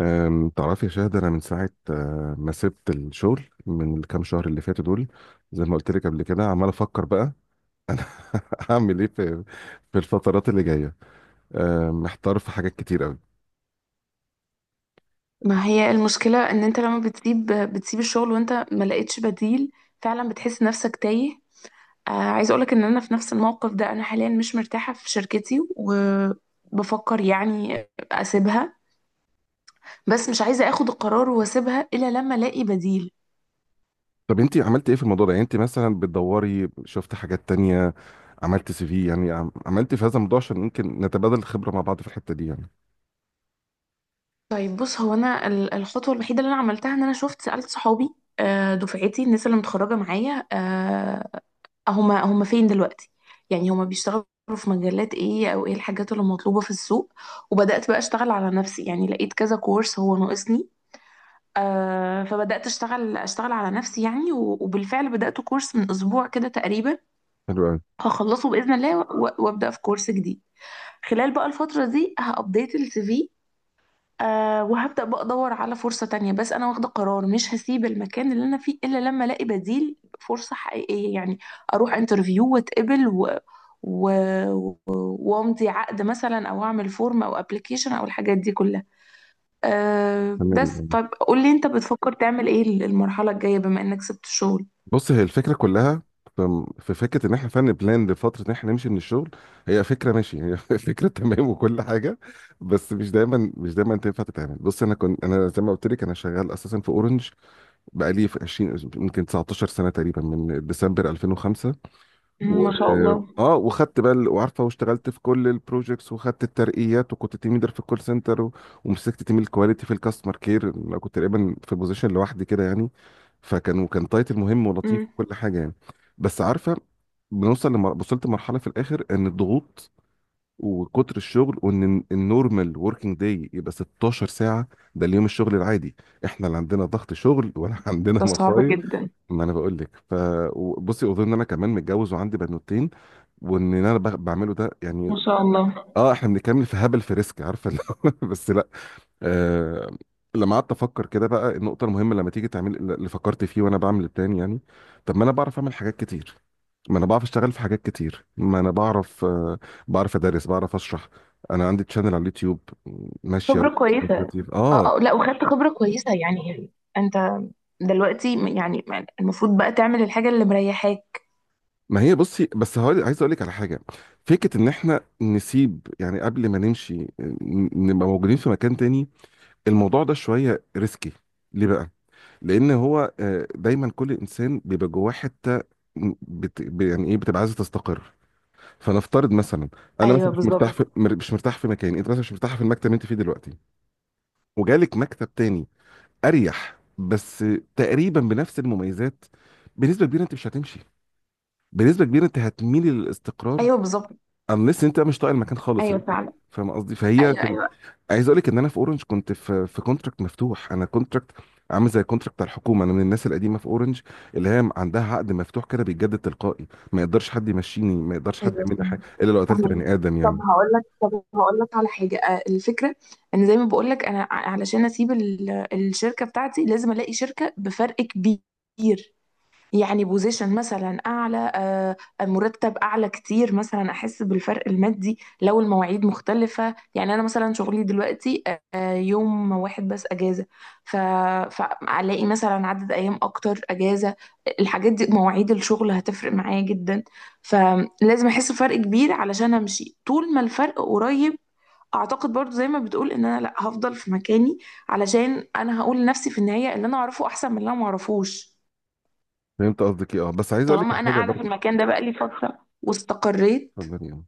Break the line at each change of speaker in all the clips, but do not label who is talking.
تعرفي يا شاهد، انا من ساعه ما سبت الشغل من الكام شهر اللي فاتوا دول. زي ما قلت لك قبل كده عمال افكر بقى انا. هعمل ايه في الفترات اللي جايه. محتار في حاجات كتير قوي.
ما هي المشكلة ان انت لما بتسيب الشغل وانت ما لقيتش بديل، فعلا بتحس نفسك تايه. آه، عايز اقولك ان انا في نفس الموقف ده. انا حاليا مش مرتاحة في شركتي وبفكر يعني اسيبها، بس مش عايزة اخد القرار واسيبها الا لما الاقي بديل.
طب انت عملتي ايه في الموضوع ده؟ يعني انت مثلا بتدوري، شفت حاجات تانية، عملت سي في؟ يعني عملتي في هذا الموضوع عشان يمكن نتبادل الخبره مع بعض في الحته دي يعني.
طيب بص، هو انا الخطوه الوحيده اللي انا عملتها ان انا شفت سالت صحابي، دفعتي الناس اللي متخرجه معايا، هما فين دلوقتي، يعني هما بيشتغلوا في مجالات ايه او ايه الحاجات اللي مطلوبه في السوق. وبدات بقى اشتغل على نفسي، يعني لقيت كذا كورس هو ناقصني. فبدات اشتغل على نفسي يعني، وبالفعل بدات كورس من اسبوع كده تقريبا،
حلو قوي.
هخلصه باذن الله وابدا في كورس جديد. خلال بقى الفتره دي هابديت السي في. أه، وهبدأ بقى أدور على فرصة تانية. بس أنا واخدة قرار مش هسيب المكان اللي أنا فيه إلا لما ألاقي بديل، فرصة حقيقية يعني، أروح انترفيو واتقبل و... و... وامضي عقد مثلا أو أعمل فورم أو أبليكيشن أو الحاجات دي كلها. أه بس
تمام.
طب قول لي، أنت بتفكر تعمل إيه المرحلة الجاية بما إنك سبت الشغل؟
بص، هي الفكرة كلها، في فكرة إن إحنا فعلا بلان لفترة إن إحنا نمشي من الشغل. هي فكرة ماشي، هي فكرة تمام وكل حاجة. بس مش دايما تنفع تتعمل. بص أنا كنت، أنا زي ما قلت لك، أنا شغال أساسا في أورنج بقالي في يمكن 19 سنة تقريبا من ديسمبر 2005.
مم،
و...
ما شاء الله.
اه، وخدت بقى وعارفه، واشتغلت في كل البروجكتس وخدت الترقيات، وكنت تيم ليدر في الكول سنتر. ومسكت تيم الكواليتي في الكاستمر كير. أنا كنت تقريبا في بوزيشن لوحدي كده يعني، فكان تايتل مهم ولطيف
مم.
وكل حاجه يعني. بس عارفه، بنوصل لم... وصلت لمرحله في الاخر، ان الضغوط وكتر الشغل، وان النورمال وركينج داي يبقى 16 ساعه. ده اليوم الشغل العادي، احنا لا عندنا ضغط شغل ولا عندنا
ده صعب
مصايب.
جدا.
ما انا بقول لك. فبصي، اظن ان انا كمان متجوز وعندي بنوتين، وان انا بعمله ده يعني.
ما شاء الله.
اه، احنا بنتكلم في هبل، في ريسك، عارفه اللي هو بس لا. آه، لما قعدت افكر كده بقى النقطه المهمه، لما تيجي تعمل اللي فكرت فيه وانا بعمل البلان يعني. طب ما انا بعرف اعمل حاجات كتير، ما انا بعرف اشتغل في حاجات كتير، ما انا بعرف بعرف ادرس، بعرف اشرح. انا عندي تشانل على اليوتيوب ماشيه
خبرة كويسة.
اه.
اه اه، لا وخدت خبرة كويسة يعني. انت دلوقتي يعني المفروض بقى تعمل الحاجة اللي مريحاك.
ما هي بصي، بس هقول، عايز اقول لك على حاجه. فكره ان احنا نسيب يعني، قبل ما نمشي، نبقى موجودين في مكان تاني. الموضوع ده شوية ريسكي. ليه بقى؟ لأن هو دايما كل إنسان بيبقى جواه حتة، يعني إيه، بتبقى عايزة تستقر. فنفترض مثلا، أنا
ايوه
مثلا مش مرتاح
بالظبط.
في مش مرتاح في مكان، أنت مثلا مش مرتاح في المكتب اللي أنت فيه دلوقتي، وجالك مكتب تاني أريح، بس تقريبا بنفس المميزات. بنسبة كبيرة أنت مش هتمشي، بنسبة كبيرة أنت هتميل للاستقرار،
ايوه بالظبط.
unless أنت مش طايق المكان خالص.
ايوه فعلا.
فاهم قصدي؟ فهي.
ايوه ايوه.
عايز اقول لك ان انا في اورنج كنت في كونتراكت مفتوح، انا كونتراكت عامل زي الكونتراكت بتاع الحكومه. انا من الناس القديمه في اورنج اللي هي عندها عقد مفتوح كده بيتجدد تلقائي، ما يقدرش حد يمشيني، ما يقدرش حد
ايوه،
يعمل لي حاجه الا لو قتلت
فهمك.
بني ادم
طب
يعني.
هقول لك، طب هقول لك على حاجة. آه، الفكرة ان زي ما بقول لك انا علشان اسيب الشركة بتاعتي لازم الاقي شركة بفرق كبير. يعني بوزيشن مثلا اعلى، آه، مرتب اعلى كتير مثلا، احس بالفرق المادي. لو المواعيد مختلفه، يعني انا مثلا شغلي دلوقتي، آه، يوم واحد بس اجازه، ف... فالاقي مثلا عدد ايام اكتر اجازه، الحاجات دي مواعيد الشغل هتفرق معايا جدا. فلازم احس بفرق كبير علشان امشي. طول ما الفرق قريب، اعتقد برضو زي ما بتقول ان انا لا هفضل في مكاني، علشان انا هقول لنفسي في النهايه اللي انا اعرفه احسن من اللي انا ما اعرفوش،
فهمت قصدك ايه، اه. بس عايز اقول لك
طالما
على
انا
حاجه
قاعده في
برضه.
المكان ده بقالي فتره واستقريت.
اتفضلي يعني.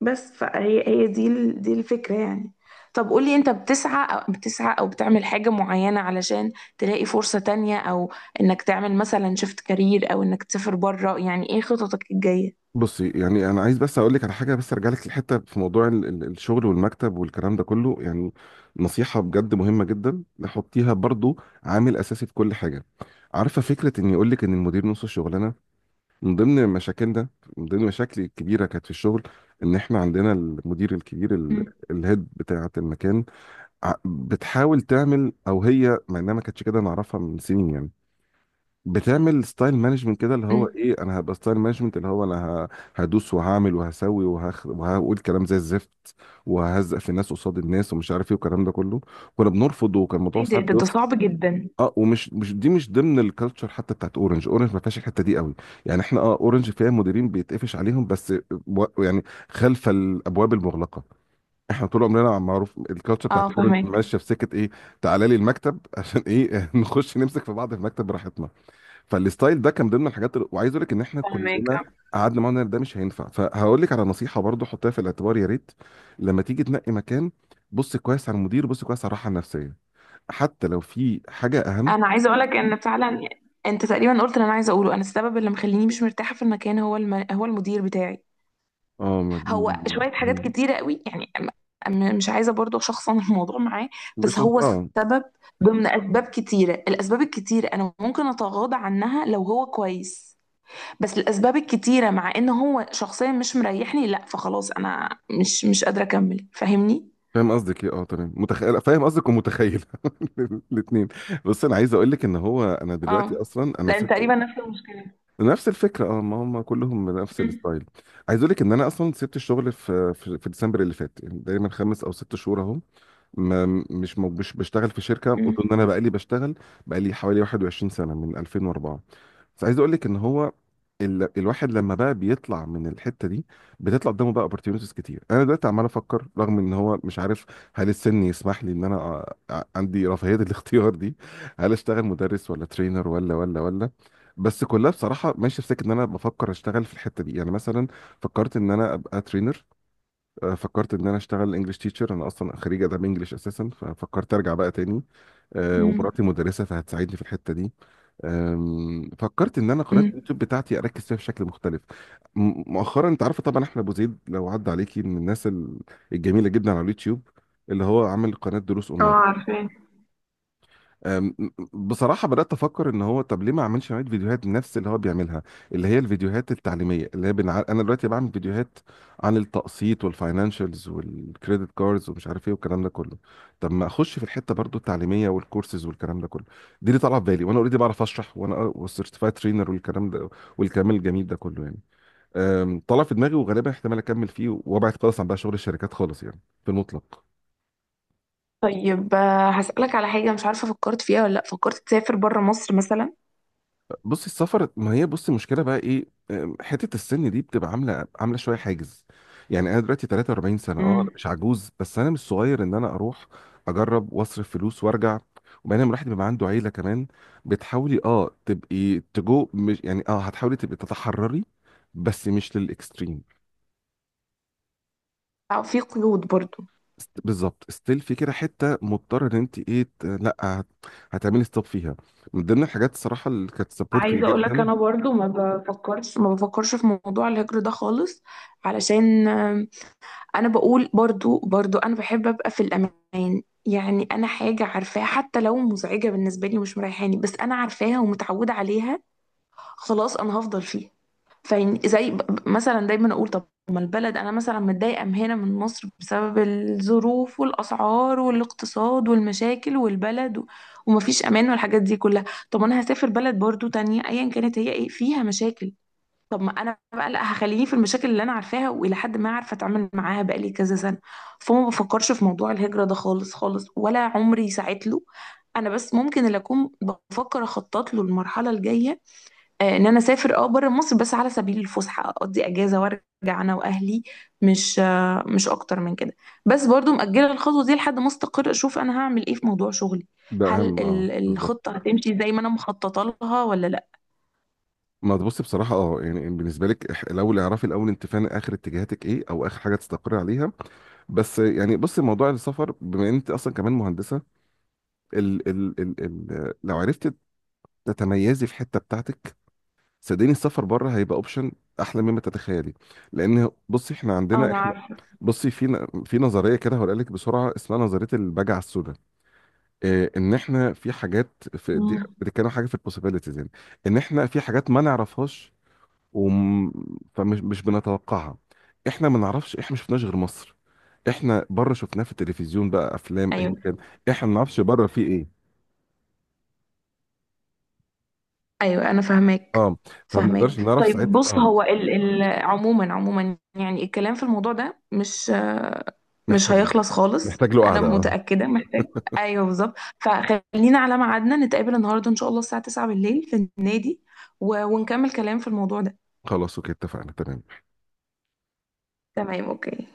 بس فهي هي دي الفكره يعني. طب قولي انت، بتسعى او بتسعى او بتعمل حاجه معينه علشان تلاقي فرصه تانية، او انك تعمل مثلا شيفت كارير، او انك تسافر بره؟ يعني ايه خططك الجايه؟
بصي يعني، انا عايز بس اقول لك على حاجه، بس ارجع لك لحته في موضوع الشغل والمكتب والكلام ده كله يعني. نصيحه بجد مهمه جدا، نحطيها برضو عامل اساسي في كل حاجه. عارفه فكره ان يقول لك ان المدير نص الشغلانه. من ضمن مشاكلنا، من ضمن مشاكلي الكبيره كانت في الشغل، ان احنا عندنا المدير الكبير،
امم.
الهيد بتاعه المكان. بتحاول تعمل، او هي مع انها ما كانتش كده، نعرفها من سنين يعني. بتعمل ستايل مانجمنت كده، اللي هو
امم.
ايه، انا هبقى ستايل مانجمنت، اللي هو انا ه- هدوس وهعمل وهسوي وهقول كلام زي الزفت، وههزق في الناس قصاد الناس ومش عارف ايه والكلام ده كله. كنا بنرفض وكان الموضوع
ايه ده،
صعب.
ده صعب جدا.
اه، ومش مش دي مش ضمن الكالتشر حتى بتاعت اورنج، اورنج ما فيهاش الحته دي قوي. يعني احنا، اه، اورنج فيها مديرين بيتقفش عليهم بس يعني، خلف الابواب المغلقه. احنا طول عمرنا معروف الكالتشر
اه
بتاعت اورنج
فهمك.
ماشيه في سكه ايه. تعالى لي المكتب عشان ايه؟ نخش نمسك في بعض في المكتب براحتنا. فالستايل ده كان ضمن الحاجات وعايز اقول لك ان احنا
فهمك.
كلنا قعدنا معانا ده مش هينفع. فهقول لك على نصيحه برضو، حطها في الاعتبار يا ريت. لما تيجي تنقي مكان، بص كويس على المدير، بص كويس على الراحه النفسيه، حتى لو في حاجه اهم.
انا عايزه اقولك ان فعلا انت تقريبا قلت اللي انا عايزه اقوله. انا السبب اللي مخليني مش مرتاحه في المكان هو هو المدير بتاعي.
اه، ما دي
هو شوية حاجات
مهم.
كتيرة قوي يعني، مش عايزة برضو أشخصن الموضوع معاه. بس
مش انت...
هو
اه.
سبب ضمن أسباب كتيرة. الأسباب الكتيرة أنا ممكن أتغاضى عنها لو هو كويس، بس الأسباب الكتيرة مع إن هو شخصيا مش مريحني، لا فخلاص أنا مش قادرة أكمل. فاهمني؟
فاهم قصدك ايه، اه، تمام، متخيل، فاهم قصدك ومتخيل. الاثنين. بس انا عايز اقول لك ان هو انا دلوقتي
اه،
اصلا انا
لأن
سبت.
تقريبا نفس المشكلة.
نفس الفكره، اه، ما هم كلهم نفس
م-
الستايل. عايز اقول لك ان انا اصلا سبت الشغل في ديسمبر اللي فات، يعني تقريبا خمس او ست شهور اهو. ما مش مش بشتغل في شركه، قلت
م-
ان انا بقالي بشتغل. بقالي حوالي 21 سنه من 2004. فعايز اقول لك ان هو، الواحد لما بقى بيطلع من الحته دي، بتطلع قدامه بقى opportunities كتير. انا دلوقتي عمال افكر، رغم ان هو مش عارف، هل السن يسمح لي ان انا عندي رفاهيه الاختيار دي؟ هل اشتغل مدرس ولا ترينر ولا ولا ولا؟ بس كلها بصراحه ماشيه في سكه ان انا بفكر اشتغل في الحته دي، يعني مثلا فكرت ان انا ابقى ترينر، فكرت ان انا اشتغل انجلش تيتشر. انا اصلا خريج اداب انجلش اساسا، ففكرت ارجع بقى تاني.
م-
ومراتي مدرسه فهتساعدني في الحته دي. فكرت ان انا قناه
م.
اليوتيوب بتاعتي اركز فيها بشكل مختلف. مؤخرا، انت عارفه طبعا احمد ابو زيد لو عدى عليكي، من الناس الجميله جدا على اليوتيوب، اللي هو عمل قناه دروس
اه
اونلاين.
عارفاه.
أم، بصراحة بدأت أفكر إن هو، طب ليه ما أعملش نوعية فيديوهات نفس اللي هو بيعملها، اللي هي الفيديوهات التعليمية، اللي هي أنا دلوقتي بعمل فيديوهات عن التقسيط والفاينانشالز والكريدت كاردز ومش عارف إيه والكلام ده كله. طب ما أخش في الحتة برضو التعليمية والكورسز والكلام ده كله، دي اللي طالعة في بالي. وأنا أوريدي بعرف أشرح، وأنا والسيرتيفايد ترينر والكلام ده والكلام الجميل ده كله يعني. طلع في دماغي، وغالبا احتمال أكمل فيه وأبعد خالص عن بقى شغل الشركات خالص يعني، في المطلق.
طيب، آه، هسألك على حاجة، مش عارفة فكرت فيها ولا لأ. فكرت تسافر بره مصر
بصي السفر، ما هي بصي المشكله بقى ايه. حته السن دي بتبقى عامله عامله شويه حاجز. يعني انا دلوقتي 43 سنه، اه انا
مثلا؟
مش عجوز، بس انا مش صغير ان انا اروح اجرب واصرف فلوس وارجع. وبعدين لما الواحد بيبقى عنده عيله كمان، بتحاولي تبقي مش يعني هتحاولي تبقي تتحرري، بس مش للاكستريم.
أو في قيود برضو؟
بالظبط، ستيل في كده حته مضطره ان انت ايه، ت- لا هت- هتعملي ستوب فيها. من ضمن الحاجات الصراحه اللي كانت سبورتنج
عايزة اقولك
جدا.
انا برضو ما بفكرش في موضوع الهجر ده خالص. علشان آم، انا بقول برضو، برضو انا بحب ابقى في الامان. يعني انا حاجة عارفاها حتى لو مزعجة بالنسبة لي ومش مريحاني، بس انا عارفاها ومتعودة عليها، خلاص انا هفضل فيها. فين زي مثلا دايما اقول، طب ما البلد انا مثلا متضايقه من هنا من مصر بسبب الظروف والاسعار والاقتصاد والمشاكل والبلد ومفيش امان والحاجات دي كلها. طب انا هسافر بلد برضو تانية، ايا كانت هي ايه فيها مشاكل. طب ما انا بقى لا هخليني في المشاكل اللي انا عارفاها والى حد ما عارفه اتعامل معاها بقالي كذا سنه. فما بفكرش في موضوع الهجره ده خالص خالص، ولا عمري ساعت له. انا بس ممكن اللي اكون بفكر اخطط له المرحله الجايه، آه، ان انا اسافر اه بره مصر بس على سبيل الفسحه، اقضي اجازه وارجع انا واهلي، مش، آه، مش اكتر من كده. بس برضو مأجله الخطوه دي لحد ما استقر، اشوف انا هعمل ايه في موضوع شغلي،
ده
هل
اهم، اه، بالظبط.
الخطه هتمشي زي ما انا مخططه لها ولا لا.
ما تبص بصراحة، اه، يعني بالنسبة لك، الأول اعرفي الأول، أنت فعلا آخر اتجاهاتك إيه أو آخر حاجة تستقر عليها. بس يعني بص، موضوع السفر، بما إن أنت أصلا كمان مهندسة، ال ال ال ال لو عرفت تتميزي في حتة بتاعتك، صدقني السفر بره هيبقى أوبشن أحلى مما تتخيلي. لأن بصي إحنا
اه
عندنا،
انا
إحنا
عارفه.
بصي في في نظرية كده هقول لك بسرعة، اسمها نظرية البجعة السوداء. إيه إن إحنا في حاجات في دي
مم.
بتتكلم حاجة في البوسيبيليتيز يعني، إن إحنا في حاجات ما نعرفهاش وم... فمش مش بنتوقعها. احنا ما نعرفش، احنا ما شفناش غير مصر، احنا بره شفناه في التلفزيون بقى، افلام اي
ايوه.
كان. احنا ما نعرفش بره فيه ايه.
ايوه انا فاهماك.
اه، فما
فاهماك.
نقدرش نعرف
طيب
ساعتها.
بص،
اه،
هو ال ال عموما، عموما يعني الكلام في الموضوع ده مش، آه، مش
محتاج له.
هيخلص خالص
محتاج له
انا
قعده، اه.
متأكدة. محتاج. ايوه بالظبط. فخلينا على ميعادنا، نتقابل النهارده ان شاء الله الساعة 9 بالليل في النادي ونكمل كلام في الموضوع ده.
خلاص، اوكي، اتفقنا، تمام.
تمام اوكي.